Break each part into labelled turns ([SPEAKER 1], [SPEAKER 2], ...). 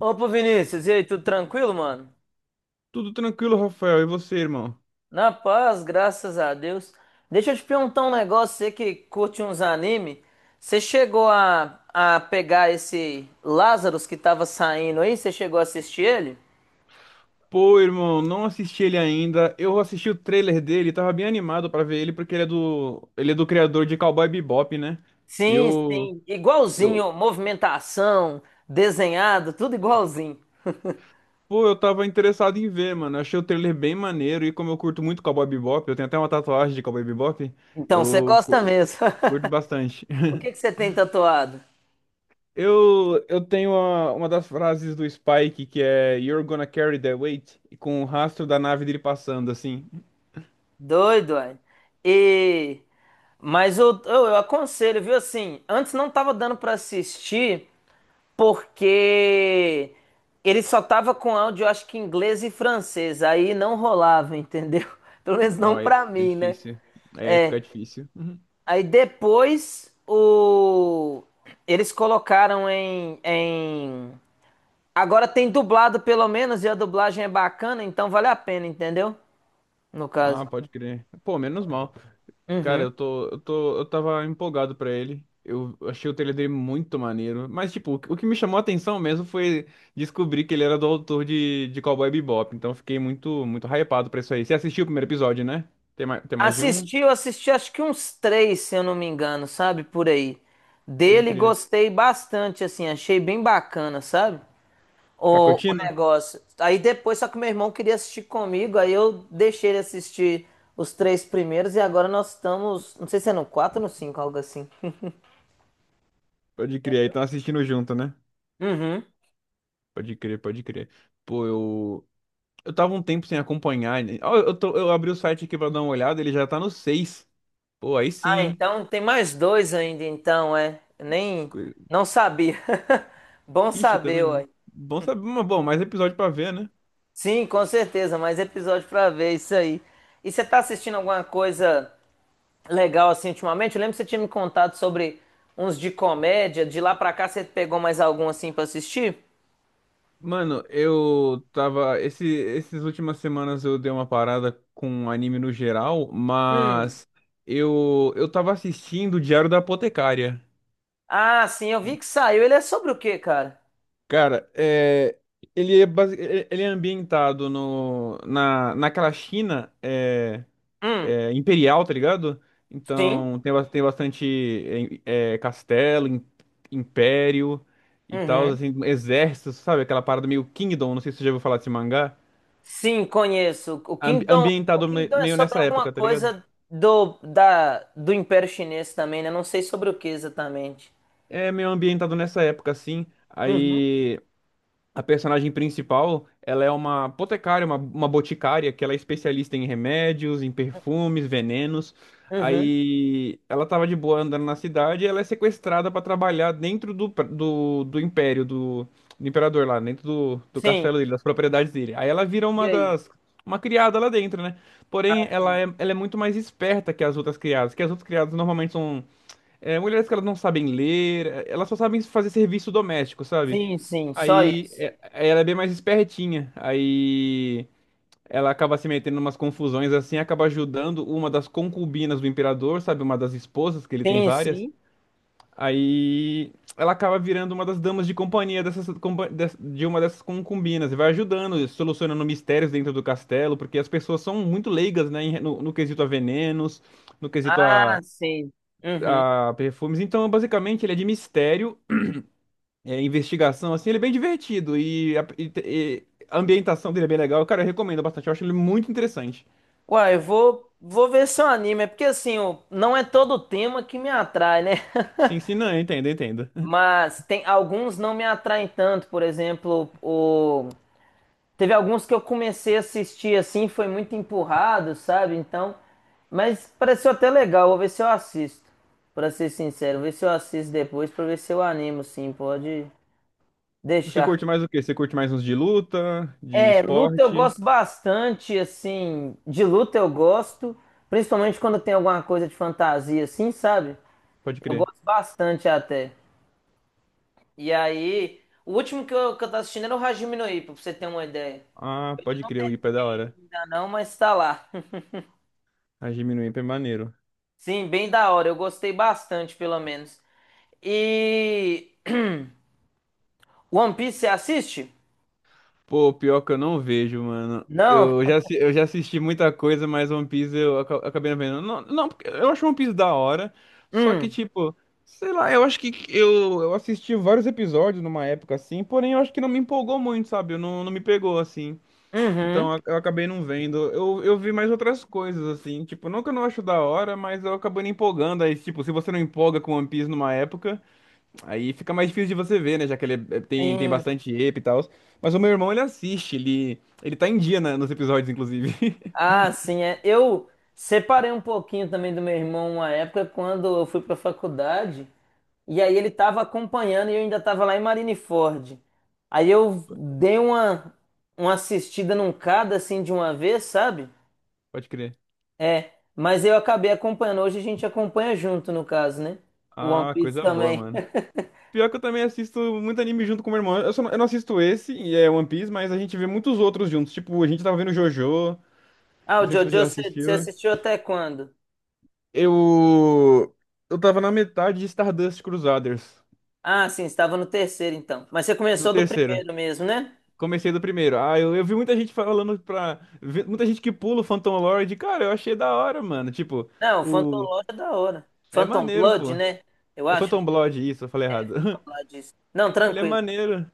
[SPEAKER 1] Opa, Vinícius, e aí, tudo tranquilo, mano?
[SPEAKER 2] Tudo tranquilo, Rafael. E você, irmão?
[SPEAKER 1] Na paz, graças a Deus. Deixa eu te perguntar um negócio, você que curte uns anime, você chegou a pegar esse Lazarus que tava saindo aí? Você chegou a assistir ele?
[SPEAKER 2] Pô, irmão, não assisti ele ainda. Eu assisti o trailer dele, tava bem animado pra ver ele, porque ele é do criador de Cowboy Bebop, né? E
[SPEAKER 1] Sim, sim,
[SPEAKER 2] eu,
[SPEAKER 1] igualzinho, movimentação, desenhado, tudo igualzinho.
[SPEAKER 2] pô, eu tava interessado em ver, mano. Eu achei o trailer bem maneiro e como eu curto muito Cowboy Bebop, eu tenho até uma tatuagem de Cowboy Bebop,
[SPEAKER 1] Então, você
[SPEAKER 2] eu
[SPEAKER 1] gosta mesmo.
[SPEAKER 2] curto bastante.
[SPEAKER 1] O que que você tem tatuado?
[SPEAKER 2] Eu tenho uma das frases do Spike que é You're gonna carry that weight, e com o rastro da nave dele passando, assim.
[SPEAKER 1] Doido, ué. E mas eu aconselho, viu? Assim, antes não tava dando pra assistir, porque ele só tava com áudio, eu acho que inglês e francês, aí não rolava, entendeu? Pelo menos não
[SPEAKER 2] Ó, é,
[SPEAKER 1] pra
[SPEAKER 2] é
[SPEAKER 1] mim, né?
[SPEAKER 2] difícil. É, aí
[SPEAKER 1] É.
[SPEAKER 2] fica difícil. Uhum.
[SPEAKER 1] Aí depois o eles colocaram em. Agora tem dublado pelo menos e a dublagem é bacana, então vale a pena, entendeu? No
[SPEAKER 2] Ah,
[SPEAKER 1] caso.
[SPEAKER 2] pode crer. Pô, menos mal. Cara,
[SPEAKER 1] Uhum.
[SPEAKER 2] eu tava empolgado pra ele. Eu achei o trailer dele muito maneiro. Mas, tipo, o que me chamou a atenção mesmo foi descobrir que ele era do autor de Cowboy Bebop. Então, eu fiquei muito, muito hypado pra isso aí. Você assistiu o primeiro episódio, né? Tem mais de um?
[SPEAKER 1] Eu assisti, acho que uns três, se eu não me engano, sabe? Por aí.
[SPEAKER 2] Pode
[SPEAKER 1] Dele
[SPEAKER 2] crer.
[SPEAKER 1] gostei bastante, assim, achei bem bacana, sabe?
[SPEAKER 2] Tá
[SPEAKER 1] O
[SPEAKER 2] curtindo?
[SPEAKER 1] negócio. Aí depois, só que meu irmão queria assistir comigo, aí eu deixei ele assistir os três primeiros e agora nós estamos, não sei se é no quatro ou no cinco, algo assim.
[SPEAKER 2] Pode crer. Aí estão assistindo junto, né?
[SPEAKER 1] Uhum.
[SPEAKER 2] Pode crer, pode crer. Pô, eu. Eu tava um tempo sem acompanhar, né? Ó, eu abri o site aqui pra dar uma olhada, ele já tá no 6. Pô, aí sim,
[SPEAKER 1] Ah,
[SPEAKER 2] hein?
[SPEAKER 1] então tem mais dois ainda, então, é. Nem,
[SPEAKER 2] Co-
[SPEAKER 1] não sabia. Bom
[SPEAKER 2] Ixi, eu também
[SPEAKER 1] saber,
[SPEAKER 2] não.
[SPEAKER 1] ué.
[SPEAKER 2] Bom saber, mas bom, mais episódio pra ver, né?
[SPEAKER 1] Sim, com certeza, mais episódio pra ver isso aí. E você tá assistindo alguma coisa legal assim ultimamente? Eu lembro que você tinha me contado sobre uns de comédia, de lá pra cá você pegou mais algum assim pra assistir?
[SPEAKER 2] Mano, eu tava. Esses últimas semanas eu dei uma parada com anime no geral, mas eu tava assistindo o Diário da Apotecária.
[SPEAKER 1] Ah, sim, eu vi que saiu. Ele é sobre o quê, cara?
[SPEAKER 2] Cara, ele é ambientado no, na, naquela China.
[SPEAKER 1] Hum,
[SPEAKER 2] Imperial, tá ligado?
[SPEAKER 1] sim.
[SPEAKER 2] Então tem bastante castelo, império e tal,
[SPEAKER 1] Uhum.
[SPEAKER 2] assim, exércitos, sabe? Aquela parada meio Kingdom, não sei se você já ouviu falar desse mangá.
[SPEAKER 1] Sim, conheço. O Kingdom, o
[SPEAKER 2] Ambientado
[SPEAKER 1] Kingdom é
[SPEAKER 2] meio
[SPEAKER 1] sobre
[SPEAKER 2] nessa
[SPEAKER 1] alguma
[SPEAKER 2] época, tá ligado?
[SPEAKER 1] coisa do Império Chinês também, né? Não sei sobre o que exatamente.
[SPEAKER 2] É meio ambientado nessa época, assim.
[SPEAKER 1] Uhum.
[SPEAKER 2] Aí. A personagem principal, ela é uma apotecária, uma boticária, que ela é especialista em remédios, em perfumes, venenos.
[SPEAKER 1] Uhum.
[SPEAKER 2] Aí ela tava de boa andando na cidade e ela é sequestrada para trabalhar dentro do império, do imperador lá, dentro do, do
[SPEAKER 1] Sim.
[SPEAKER 2] castelo dele, das propriedades dele. Aí ela vira
[SPEAKER 1] E aí?
[SPEAKER 2] uma criada lá dentro, né? Porém,
[SPEAKER 1] Ah,
[SPEAKER 2] ela
[SPEAKER 1] sim.
[SPEAKER 2] é, ela é muito mais esperta que as outras criadas, normalmente são mulheres que elas não sabem ler, elas só sabem fazer serviço doméstico, sabe?
[SPEAKER 1] Sim, sim, só
[SPEAKER 2] Aí
[SPEAKER 1] isso.
[SPEAKER 2] é- ela é bem mais espertinha. Aí ela acaba se metendo em umas confusões assim, acaba ajudando uma das concubinas do imperador, sabe? Uma das esposas, que ele tem
[SPEAKER 1] Sim,
[SPEAKER 2] várias.
[SPEAKER 1] sim.
[SPEAKER 2] Aí ela acaba virando uma das damas de companhia de uma dessas concubinas e vai ajudando, solucionando mistérios dentro do castelo, porque as pessoas são muito leigas, né? No quesito a venenos, no quesito
[SPEAKER 1] Ah,
[SPEAKER 2] a,
[SPEAKER 1] sim. Uhum.
[SPEAKER 2] a perfumes. Então, basicamente, ele é de mistério, investigação, assim, ele é bem divertido e a ambientação dele é bem legal. Cara, eu recomendo bastante, eu acho ele muito interessante.
[SPEAKER 1] Uai, eu vou ver seu anime, é porque assim, não é todo tema que me atrai, né?
[SPEAKER 2] Sim, sim, não, entenda, entenda.
[SPEAKER 1] Mas tem alguns não me atraem tanto, por exemplo, o teve alguns que eu comecei a assistir assim, foi muito empurrado, sabe? Então, mas pareceu até legal, vou ver se eu assisto. Pra ser sincero, vou ver se eu assisto depois pra ver se eu animo, sim, pode
[SPEAKER 2] Você
[SPEAKER 1] deixar.
[SPEAKER 2] curte mais o quê? Você curte mais uns de luta, de
[SPEAKER 1] É, luta eu
[SPEAKER 2] esporte?
[SPEAKER 1] gosto bastante, assim, de luta eu gosto, principalmente quando tem alguma coisa de fantasia assim, sabe?
[SPEAKER 2] Pode
[SPEAKER 1] Eu
[SPEAKER 2] crer.
[SPEAKER 1] gosto bastante até. E aí, o último que eu tô assistindo era o Hajime no Ippo, pra você ter uma ideia.
[SPEAKER 2] Ah,
[SPEAKER 1] Eu ainda
[SPEAKER 2] pode
[SPEAKER 1] não
[SPEAKER 2] crer, o IPA é da
[SPEAKER 1] terminei
[SPEAKER 2] hora.
[SPEAKER 1] ainda não, mas tá lá.
[SPEAKER 2] A Jimmy no IPA é maneiro.
[SPEAKER 1] Sim, bem da hora, eu gostei bastante, pelo menos. E One Piece, você assiste?
[SPEAKER 2] Pô, pior que eu não vejo, mano.
[SPEAKER 1] Não?
[SPEAKER 2] Eu já assisti muita coisa, mas One Piece eu acabei não vendo. Não, não, porque eu acho One Piece da hora. Só que,
[SPEAKER 1] Hum,
[SPEAKER 2] tipo, sei lá, eu acho que eu assisti vários episódios numa época assim, porém eu acho que não me empolgou muito, sabe? Eu não, não me pegou assim.
[SPEAKER 1] uhum,
[SPEAKER 2] Então eu acabei não vendo. Eu vi mais outras coisas, assim. Tipo, não que eu não acho da hora, mas eu acabei não empolgando. Aí, tipo, se você não empolga com One Piece numa época. Aí fica mais difícil de você ver, né? Já que ele tem
[SPEAKER 1] sim.
[SPEAKER 2] bastante epe e tal. Mas o meu irmão, ele assiste, ele tá em dia nos episódios, inclusive.
[SPEAKER 1] Ah, sim, é. Eu separei um pouquinho também do meu irmão uma época quando eu fui pra faculdade. E aí ele tava acompanhando e eu ainda tava lá em Marineford. Aí eu dei uma assistida num cada assim de uma vez, sabe?
[SPEAKER 2] Pode crer.
[SPEAKER 1] É, mas eu acabei acompanhando. Hoje a gente acompanha junto, no caso, né? O One
[SPEAKER 2] Ah,
[SPEAKER 1] Piece
[SPEAKER 2] coisa boa,
[SPEAKER 1] também.
[SPEAKER 2] mano. Pior que eu também assisto muito anime junto com meu irmão. Eu, só não, eu não assisto esse, e é One Piece, mas a gente vê muitos outros juntos. Tipo, a gente tava vendo JoJo.
[SPEAKER 1] Ah, o
[SPEAKER 2] Não sei se
[SPEAKER 1] Jojo,
[SPEAKER 2] você já
[SPEAKER 1] você
[SPEAKER 2] assistiu.
[SPEAKER 1] assistiu até quando?
[SPEAKER 2] Eu. Eu tava na metade de Stardust Crusaders,
[SPEAKER 1] Ah, sim, estava no terceiro então. Mas você
[SPEAKER 2] do
[SPEAKER 1] começou do
[SPEAKER 2] terceiro.
[SPEAKER 1] primeiro mesmo, né?
[SPEAKER 2] Comecei do primeiro. Ah, eu vi muita gente falando muita gente que pula o Phantom Lord. Cara, eu achei da hora, mano. Tipo,
[SPEAKER 1] Não, o Phantom
[SPEAKER 2] o.
[SPEAKER 1] Lord é da hora.
[SPEAKER 2] É
[SPEAKER 1] Phantom
[SPEAKER 2] maneiro,
[SPEAKER 1] Blood,
[SPEAKER 2] pô.
[SPEAKER 1] né? Eu
[SPEAKER 2] É
[SPEAKER 1] acho, né?
[SPEAKER 2] Phantom Blood, isso, eu falei
[SPEAKER 1] É,
[SPEAKER 2] errado.
[SPEAKER 1] Phantom Blood. Isso. Não,
[SPEAKER 2] Ele é
[SPEAKER 1] tranquilo.
[SPEAKER 2] maneiro.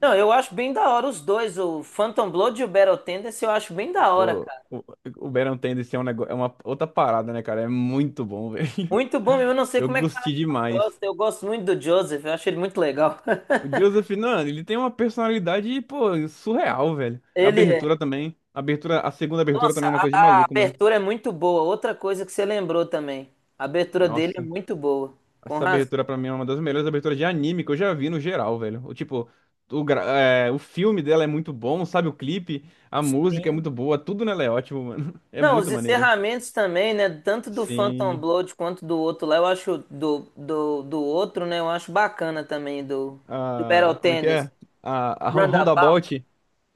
[SPEAKER 1] Não, eu acho bem da hora os dois, o Phantom Blood e o Battle Tendency, eu acho bem da hora,
[SPEAKER 2] Pô,
[SPEAKER 1] cara.
[SPEAKER 2] o Baron Tendency é um negócio. É uma outra parada, né, cara? É muito bom, velho.
[SPEAKER 1] Muito bom mesmo, eu não sei
[SPEAKER 2] Eu
[SPEAKER 1] como é que a galera
[SPEAKER 2] gostei
[SPEAKER 1] não
[SPEAKER 2] demais.
[SPEAKER 1] gosta. Eu gosto muito do Joseph, eu acho ele muito legal.
[SPEAKER 2] O Joseph, mano, ele tem uma personalidade, pô, surreal, velho. A
[SPEAKER 1] Ele é.
[SPEAKER 2] abertura também. A abertura, a segunda abertura
[SPEAKER 1] Nossa,
[SPEAKER 2] também é uma coisa de
[SPEAKER 1] a
[SPEAKER 2] maluco, mano.
[SPEAKER 1] abertura é muito boa. Outra coisa que você lembrou também. A abertura dele é
[SPEAKER 2] Nossa.
[SPEAKER 1] muito boa, com
[SPEAKER 2] Essa
[SPEAKER 1] razão.
[SPEAKER 2] abertura pra mim é uma das melhores aberturas de anime que eu já vi no geral, velho. O tipo, o filme dela é muito bom, sabe? O clipe, a música é
[SPEAKER 1] Sim.
[SPEAKER 2] muito boa, tudo nela é ótimo, mano. É
[SPEAKER 1] Não, os
[SPEAKER 2] muito maneiro.
[SPEAKER 1] encerramentos também, né? Tanto do Phantom
[SPEAKER 2] Sim.
[SPEAKER 1] Blood quanto do outro lá, eu acho do outro, né? Eu acho bacana também do Battle
[SPEAKER 2] Ah, como é que
[SPEAKER 1] Tendency.
[SPEAKER 2] é? A
[SPEAKER 1] Roundabout.
[SPEAKER 2] Roundabout.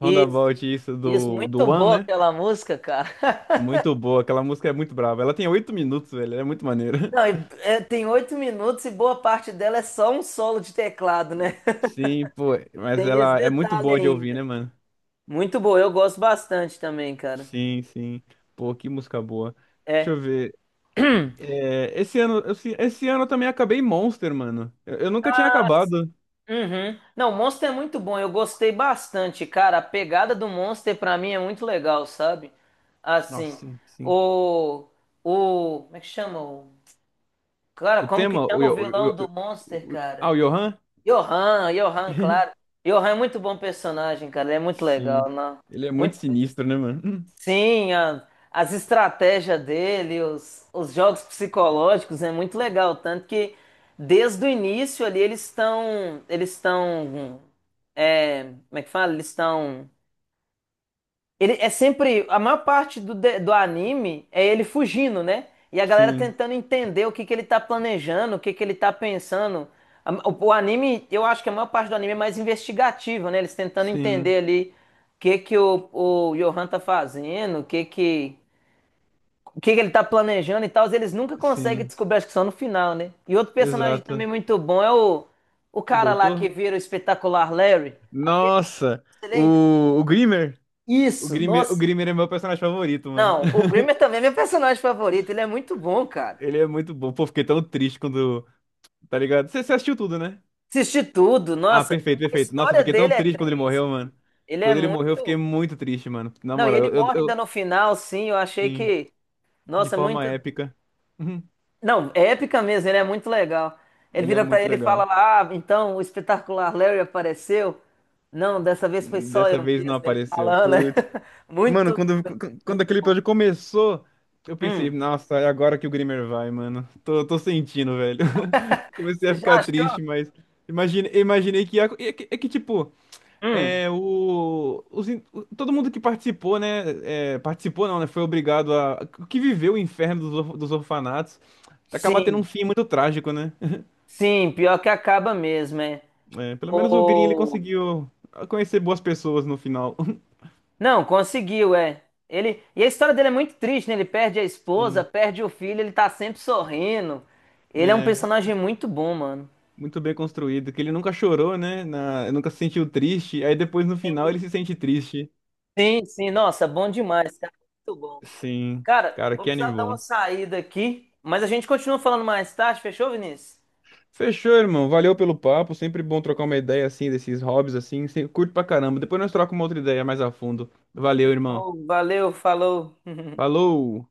[SPEAKER 1] Isso,
[SPEAKER 2] isso,
[SPEAKER 1] isso,
[SPEAKER 2] do, do
[SPEAKER 1] muito
[SPEAKER 2] One,
[SPEAKER 1] boa
[SPEAKER 2] né?
[SPEAKER 1] aquela música, cara.
[SPEAKER 2] Muito boa, aquela música é muito brava. Ela tem 8 minutos, velho, ela é muito maneira.
[SPEAKER 1] Não, e, é, tem oito minutos e boa parte dela é só um solo de teclado, né?
[SPEAKER 2] Sim, pô, mas
[SPEAKER 1] Tem esse
[SPEAKER 2] ela é muito
[SPEAKER 1] detalhe
[SPEAKER 2] boa de ouvir, né,
[SPEAKER 1] ainda.
[SPEAKER 2] mano?
[SPEAKER 1] Muito boa, eu gosto bastante também, cara.
[SPEAKER 2] Sim, sim. Pô, que música boa. Deixa
[SPEAKER 1] É.
[SPEAKER 2] eu ver. É, esse ano eu também acabei Monster, mano. Eu nunca tinha
[SPEAKER 1] Ah, sim.
[SPEAKER 2] acabado.
[SPEAKER 1] Uhum. Não, Monster é muito bom, eu gostei bastante, cara. A pegada do Monster pra mim é muito legal, sabe? Assim,
[SPEAKER 2] Nossa, sim.
[SPEAKER 1] o. O. Como é que chama? O, cara,
[SPEAKER 2] O
[SPEAKER 1] como que
[SPEAKER 2] tema, o,
[SPEAKER 1] chama o
[SPEAKER 2] Yo-
[SPEAKER 1] vilão do Monster,
[SPEAKER 2] o- ah, O
[SPEAKER 1] cara?
[SPEAKER 2] Johan?
[SPEAKER 1] Johan, Johan, claro. Johan é muito bom personagem, cara. Ele é muito legal,
[SPEAKER 2] Sim.
[SPEAKER 1] né?
[SPEAKER 2] Ele é muito
[SPEAKER 1] Muito...
[SPEAKER 2] sinistro, né, mano? Hum.
[SPEAKER 1] Sim, as estratégias dele, os jogos psicológicos é muito legal. Tanto que desde o início ali eles estão. Eles estão. É, como é que fala? Eles estão ele é sempre. A maior parte do, do anime é ele fugindo, né? E a galera
[SPEAKER 2] Sim,
[SPEAKER 1] tentando entender o que que ele tá planejando, o que que ele tá pensando. O anime, eu acho que a maior parte do anime é mais investigativo, né? Eles tentando
[SPEAKER 2] sim,
[SPEAKER 1] entender ali o que que o Johan tá fazendo, O que que ele tá planejando e tal, eles nunca conseguem
[SPEAKER 2] sim.
[SPEAKER 1] descobrir, acho que só no final, né? E outro personagem também
[SPEAKER 2] Exato.
[SPEAKER 1] muito bom é o
[SPEAKER 2] O
[SPEAKER 1] cara lá que
[SPEAKER 2] doutor?
[SPEAKER 1] vira o espetacular Larry. Aquele,
[SPEAKER 2] Nossa!
[SPEAKER 1] ele é
[SPEAKER 2] O, Grimmer? O
[SPEAKER 1] isso.
[SPEAKER 2] Grimmer, o
[SPEAKER 1] Nossa.
[SPEAKER 2] Grimmer é meu personagem favorito, mano.
[SPEAKER 1] Não, o Grimmer também é meu personagem favorito. Ele é muito bom, cara.
[SPEAKER 2] Ele é muito bom. Pô, fiquei tão triste quando. Tá ligado? Você você assistiu tudo, né?
[SPEAKER 1] Assisti tudo,
[SPEAKER 2] Ah,
[SPEAKER 1] nossa.
[SPEAKER 2] perfeito,
[SPEAKER 1] A
[SPEAKER 2] perfeito. Nossa, eu
[SPEAKER 1] história
[SPEAKER 2] fiquei tão
[SPEAKER 1] dele é
[SPEAKER 2] triste quando ele
[SPEAKER 1] triste.
[SPEAKER 2] morreu, mano.
[SPEAKER 1] Ele é
[SPEAKER 2] Quando ele morreu, eu fiquei
[SPEAKER 1] muito.
[SPEAKER 2] muito triste, mano. Na
[SPEAKER 1] Não, e
[SPEAKER 2] moral,
[SPEAKER 1] ele morre ainda no final, sim. Eu achei
[SPEAKER 2] sim,
[SPEAKER 1] que.
[SPEAKER 2] de
[SPEAKER 1] Nossa,
[SPEAKER 2] forma
[SPEAKER 1] muito.
[SPEAKER 2] épica. Uhum.
[SPEAKER 1] Não, é épica mesmo, ele é muito legal. Ele
[SPEAKER 2] Ele é
[SPEAKER 1] vira pra
[SPEAKER 2] muito
[SPEAKER 1] ele e fala
[SPEAKER 2] legal.
[SPEAKER 1] lá: "Ah, então o espetacular Larry apareceu?" Não, dessa vez foi só eu
[SPEAKER 2] Dessa vez não
[SPEAKER 1] mesmo. Ele
[SPEAKER 2] apareceu.
[SPEAKER 1] falando, né?
[SPEAKER 2] Putz. Mano,
[SPEAKER 1] Muito doido,
[SPEAKER 2] quando
[SPEAKER 1] muito
[SPEAKER 2] aquele
[SPEAKER 1] bom.
[SPEAKER 2] episódio começou, eu pensei,
[SPEAKER 1] Hum.
[SPEAKER 2] nossa, é agora que o Grimmer vai, mano. Tô, tô sentindo, velho. Comecei
[SPEAKER 1] Você
[SPEAKER 2] a
[SPEAKER 1] já
[SPEAKER 2] ficar
[SPEAKER 1] achou?
[SPEAKER 2] triste, mas imaginei que ia. É que, tipo.
[SPEAKER 1] Hum.
[SPEAKER 2] É, o, os in- o- todo mundo que participou, né? Participou não, né? Foi obrigado a. Que viveu o inferno dos orfanatos. Acaba tendo um
[SPEAKER 1] Sim,
[SPEAKER 2] fim muito trágico, né?
[SPEAKER 1] sim, pior que acaba mesmo, é.
[SPEAKER 2] É, pelo menos o Green ele conseguiu conhecer boas pessoas no final.
[SPEAKER 1] Não, conseguiu, é. E a história dele é muito triste, né? Ele perde a esposa,
[SPEAKER 2] Sim.
[SPEAKER 1] perde o filho, ele tá sempre sorrindo. Ele é um
[SPEAKER 2] É,
[SPEAKER 1] personagem muito bom, mano.
[SPEAKER 2] muito bem construído. Que ele nunca chorou, né? Na, nunca se sentiu triste. Aí depois no final ele se sente triste.
[SPEAKER 1] Sim, sim, nossa, bom demais, cara. Muito bom.
[SPEAKER 2] Sim.
[SPEAKER 1] Cara,
[SPEAKER 2] Cara,
[SPEAKER 1] vou
[SPEAKER 2] que
[SPEAKER 1] precisar
[SPEAKER 2] anime
[SPEAKER 1] dar uma
[SPEAKER 2] bom.
[SPEAKER 1] saída aqui, mas a gente continua falando mais tarde, fechou, Vinícius?
[SPEAKER 2] Fechou, irmão. Valeu pelo papo. Sempre bom trocar uma ideia assim desses hobbies assim. Sempre curto pra caramba. Depois nós trocamos uma outra ideia mais a fundo. Valeu, irmão.
[SPEAKER 1] Show, valeu, falou.
[SPEAKER 2] Falou!